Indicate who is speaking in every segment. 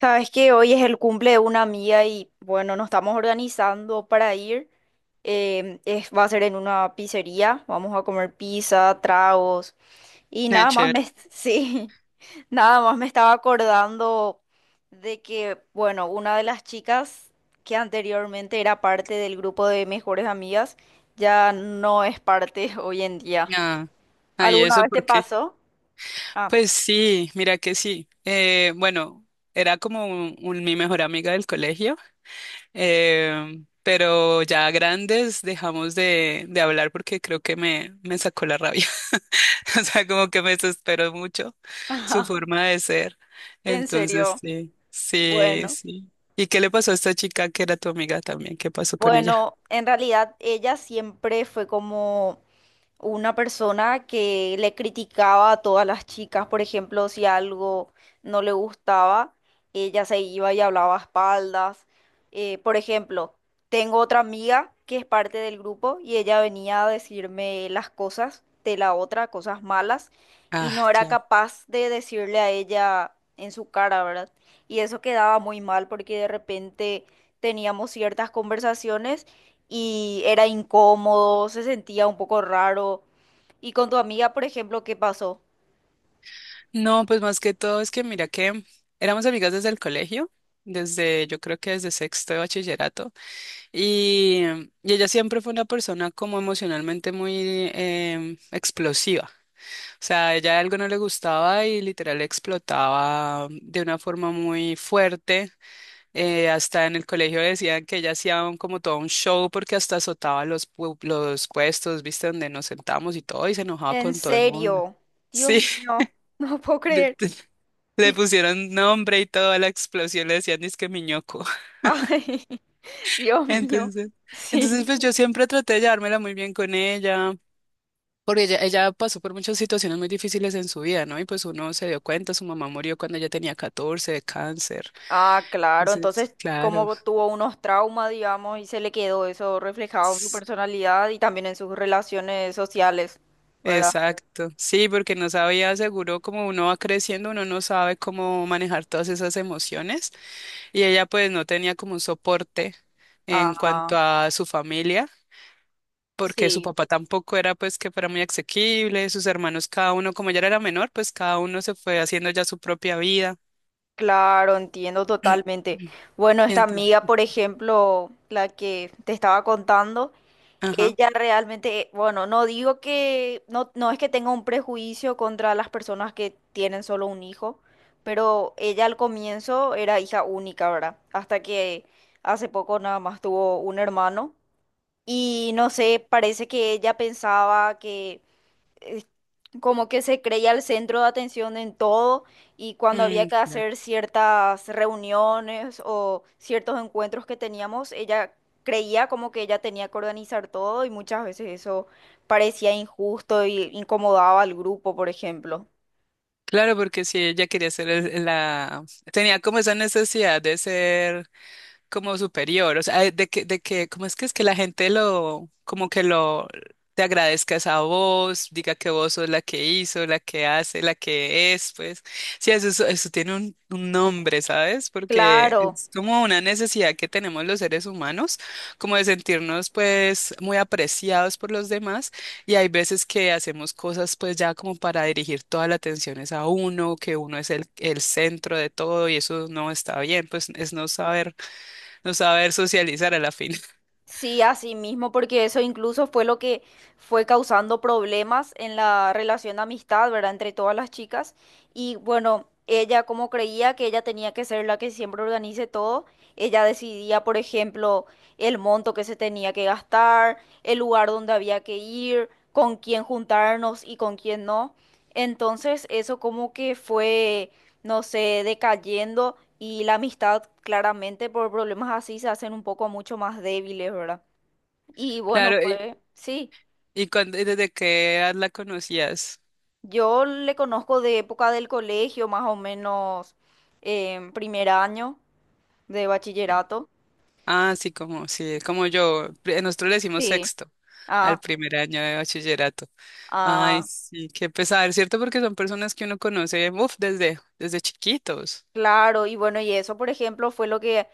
Speaker 1: Sabes que hoy es el cumple de una amiga y bueno, nos estamos organizando para ir. Va a ser en una pizzería. Vamos a comer pizza, tragos y
Speaker 2: Ah,
Speaker 1: nada más
Speaker 2: chévere.
Speaker 1: me, sí, nada más me estaba acordando de que, bueno, una de las chicas que anteriormente era parte del grupo de mejores amigas ya no es parte hoy en día.
Speaker 2: Ah, ah, ¿y
Speaker 1: ¿Alguna
Speaker 2: eso
Speaker 1: vez te
Speaker 2: por qué?
Speaker 1: pasó? Ah,
Speaker 2: Pues sí, mira que sí. Bueno, era como mi mejor amiga del colegio, pero ya grandes dejamos de hablar porque creo que me sacó la rabia. O sea, como que me desesperó mucho su forma de ser.
Speaker 1: en
Speaker 2: Entonces,
Speaker 1: serio.
Speaker 2: sí, sí,
Speaker 1: Bueno.
Speaker 2: sí. ¿Y qué le pasó a esta chica que era tu amiga también? ¿Qué pasó con ella?
Speaker 1: Bueno, en realidad ella siempre fue como una persona que le criticaba a todas las chicas, por ejemplo, si algo no le gustaba, ella se iba y hablaba a espaldas. Por ejemplo, tengo otra amiga que es parte del grupo y ella venía a decirme las cosas de la otra, cosas malas, y
Speaker 2: Ah,
Speaker 1: no era
Speaker 2: claro.
Speaker 1: capaz de decirle a ella en su cara, ¿verdad? Y eso quedaba muy mal porque de repente teníamos ciertas conversaciones y era incómodo, se sentía un poco raro. Y con tu amiga, por ejemplo, ¿qué pasó?
Speaker 2: No, pues más que todo es que mira que éramos amigas desde el colegio, desde yo creo que desde sexto de bachillerato, y, y ella siempre fue una persona como emocionalmente muy explosiva. O sea, ella algo no le gustaba y literal explotaba de una forma muy fuerte. Hasta en el colegio decían que ella hacía como todo un show porque hasta azotaba los puestos, viste, donde nos sentamos y todo, y se enojaba
Speaker 1: En
Speaker 2: con todo el mundo.
Speaker 1: serio, Dios
Speaker 2: Sí.
Speaker 1: mío, no puedo creer.
Speaker 2: Le
Speaker 1: Y,
Speaker 2: pusieron nombre y todo a la explosión, le decían disque miñoco.
Speaker 1: ay, Dios mío,
Speaker 2: Entonces, entonces
Speaker 1: sí.
Speaker 2: pues yo siempre traté de llevármela muy bien con ella, porque ella pasó por muchas situaciones muy difíciles en su vida, ¿no? Y pues uno se dio cuenta, su mamá murió cuando ella tenía 14 de cáncer.
Speaker 1: Ah, claro, entonces
Speaker 2: Entonces, claro.
Speaker 1: como tuvo unos traumas, digamos, y se le quedó eso reflejado en su
Speaker 2: s-
Speaker 1: personalidad y también en sus relaciones sociales, ¿verdad?
Speaker 2: Exacto. Sí, porque no sabía, seguro, como uno va creciendo, uno no sabe cómo manejar todas esas emociones. Y ella pues no tenía como un soporte en
Speaker 1: Ah,
Speaker 2: cuanto a su familia. Porque su
Speaker 1: sí.
Speaker 2: papá tampoco era pues que fuera muy asequible, sus hermanos cada uno, como ella era la menor, pues cada uno se fue haciendo ya su propia vida.
Speaker 1: Claro, entiendo totalmente.
Speaker 2: Mm.
Speaker 1: Bueno,
Speaker 2: Y
Speaker 1: esta
Speaker 2: entonces,
Speaker 1: amiga, por ejemplo, la que te estaba contando,
Speaker 2: ajá.
Speaker 1: ella realmente, bueno, no digo que, no, no es que tenga un prejuicio contra las personas que tienen solo un hijo, pero ella al comienzo era hija única, ¿verdad? Hasta que hace poco nada más tuvo un hermano y no sé, parece que ella pensaba que como que se creía el centro de atención en todo y cuando había
Speaker 2: Mm,
Speaker 1: que
Speaker 2: claro.
Speaker 1: hacer ciertas reuniones o ciertos encuentros que teníamos, ella creía como que ella tenía que organizar todo y muchas veces eso parecía injusto y incomodaba al grupo, por ejemplo.
Speaker 2: Claro, porque si ella quería ser la... tenía como esa necesidad de ser como superior, o sea, de que, ¿cómo es que la gente lo, como que lo, te agradezcas a vos, diga que vos sos la que hizo, la que hace, la que es, pues, sí, eso, eso tiene un nombre, ¿sabes? Porque
Speaker 1: Claro.
Speaker 2: es como una necesidad que tenemos los seres humanos, como de sentirnos, pues, muy apreciados por los demás, y hay veces que hacemos cosas, pues, ya como para dirigir toda la atención es a uno, que uno es el centro de todo, y eso no está bien, pues, es no saber socializar a la fin.
Speaker 1: Sí, así mismo, porque eso incluso fue lo que fue causando problemas en la relación de amistad, ¿verdad? Entre todas las chicas. Y bueno, ella como creía que ella tenía que ser la que siempre organice todo, ella decidía, por ejemplo, el monto que se tenía que gastar, el lugar donde había que ir, con quién juntarnos y con quién no. Entonces, eso como que fue no sé, decayendo y la amistad claramente por problemas así se hacen un poco mucho más débiles, ¿verdad? Y bueno,
Speaker 2: Claro, y,
Speaker 1: fue, sí,
Speaker 2: ¿y y desde qué edad la conocías?
Speaker 1: yo le conozco de época del colegio, más o menos en primer año de bachillerato.
Speaker 2: Ah, sí, como yo. Nosotros le decimos
Speaker 1: Sí.
Speaker 2: sexto al
Speaker 1: Ah,
Speaker 2: primer año de bachillerato. Ay,
Speaker 1: ah.
Speaker 2: sí, qué pesar, ¿cierto? Porque son personas que uno conoce, uf, desde chiquitos.
Speaker 1: Claro, y bueno, y eso, por ejemplo, fue lo que,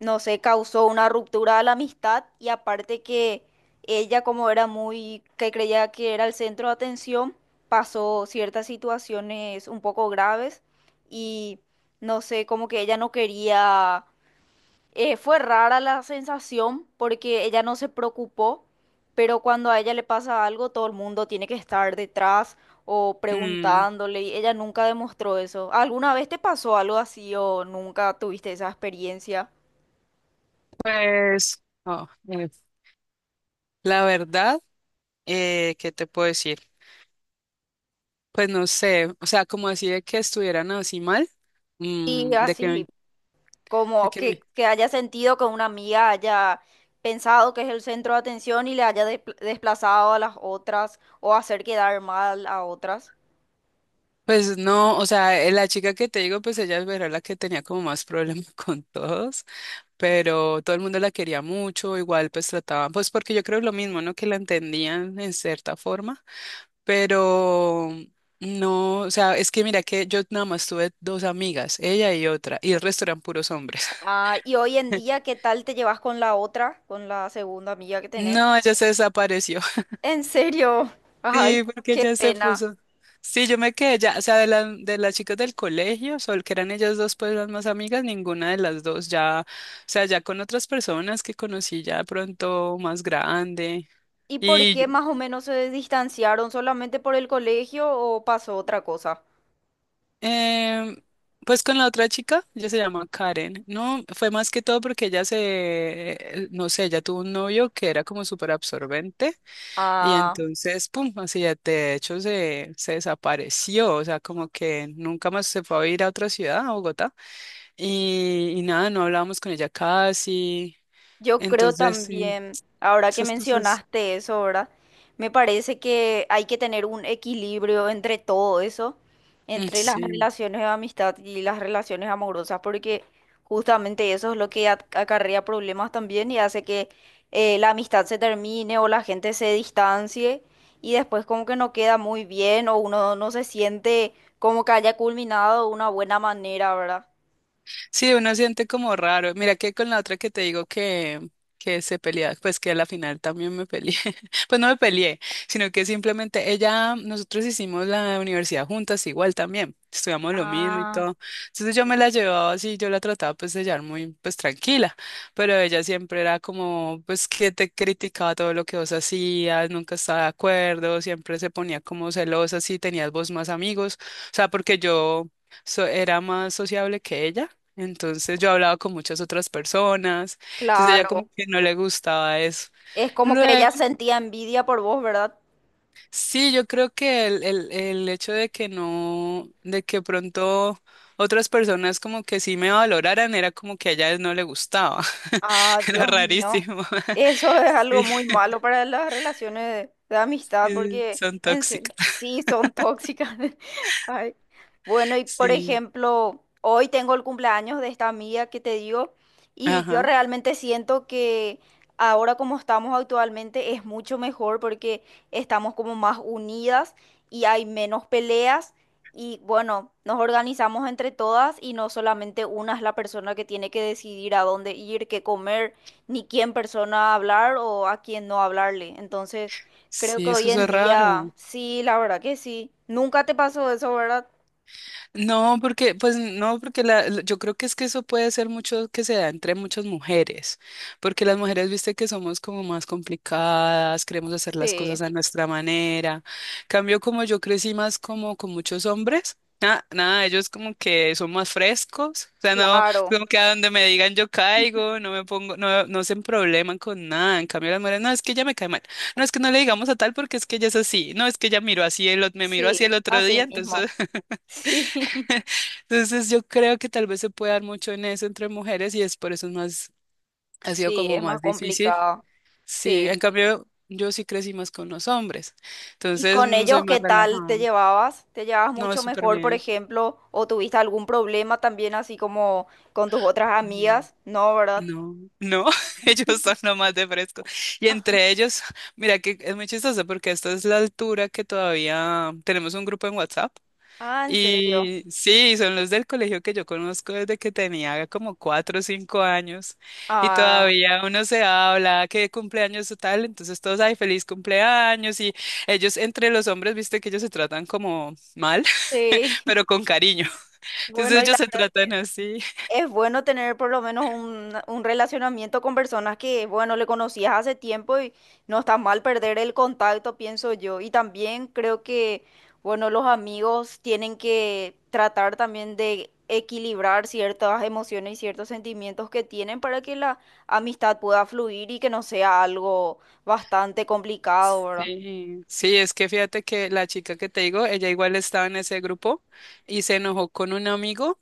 Speaker 1: no sé, causó una ruptura a la amistad y aparte que ella, como era muy, que creía que era el centro de atención, pasó ciertas situaciones un poco graves y, no sé, como que ella no quería fue rara la sensación porque ella no se preocupó, pero cuando a ella le pasa algo, todo el mundo tiene que estar detrás o
Speaker 2: Mm.
Speaker 1: preguntándole y ella nunca demostró eso. ¿Alguna vez te pasó algo así o nunca tuviste esa experiencia?
Speaker 2: Pues, no, la verdad, ¿qué te puedo decir? Pues no sé, o sea, como así de que estuvieran así mal,
Speaker 1: Y
Speaker 2: de que,
Speaker 1: así
Speaker 2: me- de
Speaker 1: como
Speaker 2: que me,
Speaker 1: que haya sentido que una amiga haya pensado que es el centro de atención y le haya desplazado a las otras o hacer quedar mal a otras.
Speaker 2: pues no, o sea, la chica que te digo, pues ella era la que tenía como más problemas con todos, pero todo el mundo la quería mucho, igual pues trataban, pues porque yo creo lo mismo, ¿no? Que la entendían en cierta forma, pero... No, o sea, es que mira que yo nada más tuve dos amigas, ella y otra, y el resto eran puros hombres.
Speaker 1: Ah, y hoy en día, ¿qué tal te llevas con la otra, con la segunda amiga que tenés?
Speaker 2: No, ella se desapareció.
Speaker 1: En serio, ay,
Speaker 2: Sí, porque
Speaker 1: qué
Speaker 2: ella se
Speaker 1: pena.
Speaker 2: puso. Sí, yo me quedé ya, o sea, de las chicas del colegio, sol que eran ellas dos pues las más amigas, ninguna de las dos ya, o sea, ya con otras personas que conocí ya de pronto más grande.
Speaker 1: ¿Y por qué
Speaker 2: Y
Speaker 1: más o menos se distanciaron? ¿Solamente por el colegio o pasó otra cosa?
Speaker 2: em, pues con la otra chica, ella se llama Karen. No, fue más que todo porque no sé, ella tuvo un novio que era como súper absorbente. Y
Speaker 1: Ah.
Speaker 2: entonces, pum, así de hecho se desapareció, o sea, como que nunca más se fue a ir a otra ciudad, a Bogotá, y nada, no hablábamos con ella casi,
Speaker 1: Yo creo
Speaker 2: entonces, sí,
Speaker 1: también, ahora que
Speaker 2: esas cosas,
Speaker 1: mencionaste eso, ¿verdad? Me parece que hay que tener un equilibrio entre todo eso,
Speaker 2: mm,
Speaker 1: entre las
Speaker 2: sí.
Speaker 1: relaciones de amistad y las relaciones amorosas, porque justamente eso es lo que acarrea problemas también y hace que la amistad se termine o la gente se distancie y después como que no queda muy bien o uno no se siente como que haya culminado de una buena manera, ¿verdad?
Speaker 2: Sí, uno siente como raro. Mira que con la otra que te digo que se peleaba, pues que a la final también me peleé. Pues no me peleé, sino que simplemente ella, nosotros hicimos la universidad juntas igual también. Estudiamos lo mismo y
Speaker 1: Ah,
Speaker 2: todo. Entonces yo me la llevaba así, yo la trataba pues de llevar muy pues tranquila, pero ella siempre era como pues que te criticaba todo lo que vos hacías, nunca estaba de acuerdo, siempre se ponía como celosa si tenías vos más amigos, o sea, porque yo era más sociable que ella. Entonces yo hablaba con muchas otras personas, entonces ella como
Speaker 1: claro.
Speaker 2: que no le gustaba eso.
Speaker 1: Es como que ella
Speaker 2: Luego,
Speaker 1: sentía envidia por vos, ¿verdad?
Speaker 2: sí, yo creo que el hecho de que no, de que pronto otras personas como que sí me valoraran era como que a ella no le gustaba.
Speaker 1: Ah,
Speaker 2: Era
Speaker 1: Dios mío.
Speaker 2: rarísimo.
Speaker 1: Eso es algo
Speaker 2: Sí,
Speaker 1: muy malo para las relaciones de amistad,
Speaker 2: sí,
Speaker 1: porque
Speaker 2: son
Speaker 1: en serio,
Speaker 2: tóxicas.
Speaker 1: sí son tóxicas. Ay. Bueno, y por
Speaker 2: Sí,
Speaker 1: ejemplo, hoy tengo el cumpleaños de esta amiga que te digo, y yo
Speaker 2: ajá.
Speaker 1: realmente siento que ahora como estamos actualmente es mucho mejor porque estamos como más unidas y hay menos peleas. Y bueno, nos organizamos entre todas y no solamente una es la persona que tiene que decidir a dónde ir, qué comer, ni quién persona hablar o a quién no hablarle. Entonces, creo que
Speaker 2: Sí, es que
Speaker 1: hoy
Speaker 2: eso
Speaker 1: en
Speaker 2: es
Speaker 1: día,
Speaker 2: raro.
Speaker 1: sí, la verdad que sí. Nunca te pasó eso, ¿verdad?
Speaker 2: No, porque, pues no, porque yo creo que es que eso puede ser mucho que se da entre muchas mujeres, porque las mujeres, viste que somos como más complicadas, queremos hacer las
Speaker 1: Sí,
Speaker 2: cosas a nuestra manera. Cambio como yo crecí más como con muchos hombres, nada, ellos como que son más frescos, o sea, no,
Speaker 1: claro.
Speaker 2: como que a donde me digan yo caigo, no me pongo, no se probleman con nada. En cambio las mujeres, no, es que ella me cae mal, no, es que no le digamos a tal porque es que ella es así, no, es que ella miró así, me miró así el
Speaker 1: Sí,
Speaker 2: otro
Speaker 1: así
Speaker 2: día,
Speaker 1: mismo.
Speaker 2: entonces.
Speaker 1: Sí,
Speaker 2: Entonces yo creo que tal vez se puede dar mucho en eso entre mujeres y es por eso es más, ha sido
Speaker 1: sí,
Speaker 2: como
Speaker 1: es más
Speaker 2: más difícil.
Speaker 1: complicado.
Speaker 2: Sí,
Speaker 1: Sí.
Speaker 2: en cambio yo sí crecí más con los hombres,
Speaker 1: ¿Y
Speaker 2: entonces
Speaker 1: con
Speaker 2: mm, soy
Speaker 1: ellos
Speaker 2: más
Speaker 1: qué tal
Speaker 2: relajada.
Speaker 1: te llevabas? ¿Te llevabas
Speaker 2: No, es
Speaker 1: mucho
Speaker 2: súper
Speaker 1: mejor, por
Speaker 2: bien.
Speaker 1: ejemplo? ¿O tuviste algún problema también así como con tus otras
Speaker 2: Mm,
Speaker 1: amigas? No, ¿verdad?
Speaker 2: no, no, ellos son lo más de fresco. Y entre ellos, mira que es muy chistoso porque esta es la altura que todavía tenemos un grupo en WhatsApp.
Speaker 1: Ah, ¿en serio?
Speaker 2: Y sí, son los del colegio que yo conozco desde que tenía como 4 o 5 años y
Speaker 1: Ah,
Speaker 2: todavía uno se habla que cumpleaños o tal, entonces todos, ay, feliz cumpleaños y ellos entre los hombres, viste que ellos se tratan como mal,
Speaker 1: sí.
Speaker 2: pero con cariño, entonces
Speaker 1: Bueno, y
Speaker 2: ellos
Speaker 1: la
Speaker 2: se
Speaker 1: verdad.
Speaker 2: tratan así.
Speaker 1: Es bueno tener por lo menos un relacionamiento con personas que, bueno, le conocías hace tiempo y no está mal perder el contacto, pienso yo. Y también creo que, bueno, los amigos tienen que tratar también de equilibrar ciertas emociones y ciertos sentimientos que tienen para que la amistad pueda fluir y que no sea algo bastante complicado, ¿verdad?
Speaker 2: Sí, sí, es que fíjate que la chica que te digo, ella igual estaba en ese grupo y se enojó con un amigo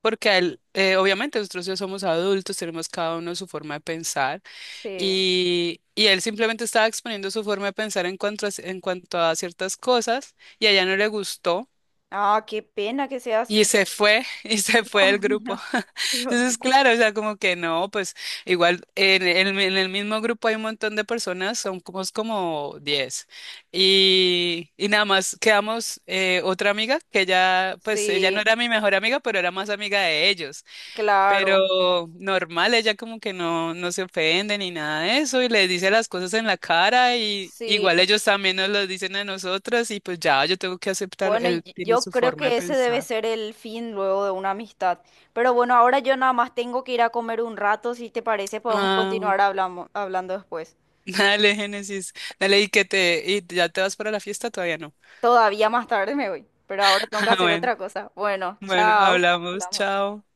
Speaker 2: porque a él, obviamente nosotros ya somos adultos, tenemos cada uno su forma de pensar.
Speaker 1: Sí.
Speaker 2: Y él simplemente estaba exponiendo su forma de pensar en cuanto a ciertas cosas y a ella no le gustó
Speaker 1: Ah, qué pena que sea
Speaker 2: y
Speaker 1: así.
Speaker 2: se fue y se fue del
Speaker 1: Dios
Speaker 2: grupo.
Speaker 1: mío, Dios mío.
Speaker 2: Entonces, claro, o sea, como que no, pues igual en el mismo grupo hay un montón de personas, son como, como 10 y nada más quedamos otra amiga que ella, pues ella no
Speaker 1: Sí,
Speaker 2: era mi mejor amiga, pero era más amiga de ellos.
Speaker 1: claro.
Speaker 2: Pero normal, ella como que no, no se ofende ni nada de eso y les dice las cosas en la cara y
Speaker 1: Sí.
Speaker 2: igual ellos también nos lo dicen a nosotras y pues ya yo tengo que aceptar,
Speaker 1: Bueno,
Speaker 2: él
Speaker 1: y
Speaker 2: tiene
Speaker 1: yo
Speaker 2: su
Speaker 1: creo
Speaker 2: forma de
Speaker 1: que ese debe
Speaker 2: pensar.
Speaker 1: ser el fin luego de una amistad. Pero bueno, ahora yo nada más tengo que ir a comer un rato. Si te parece, podemos
Speaker 2: Ah, bueno.
Speaker 1: continuar hablando después.
Speaker 2: Dale, Génesis, dale y que te, y ya te vas para la fiesta, todavía no.
Speaker 1: Todavía más tarde me voy, pero ahora tengo que
Speaker 2: Ah,
Speaker 1: hacer
Speaker 2: bueno,
Speaker 1: otra cosa. Bueno,
Speaker 2: bueno,
Speaker 1: chao.
Speaker 2: hablamos,
Speaker 1: Hablamos.
Speaker 2: chao.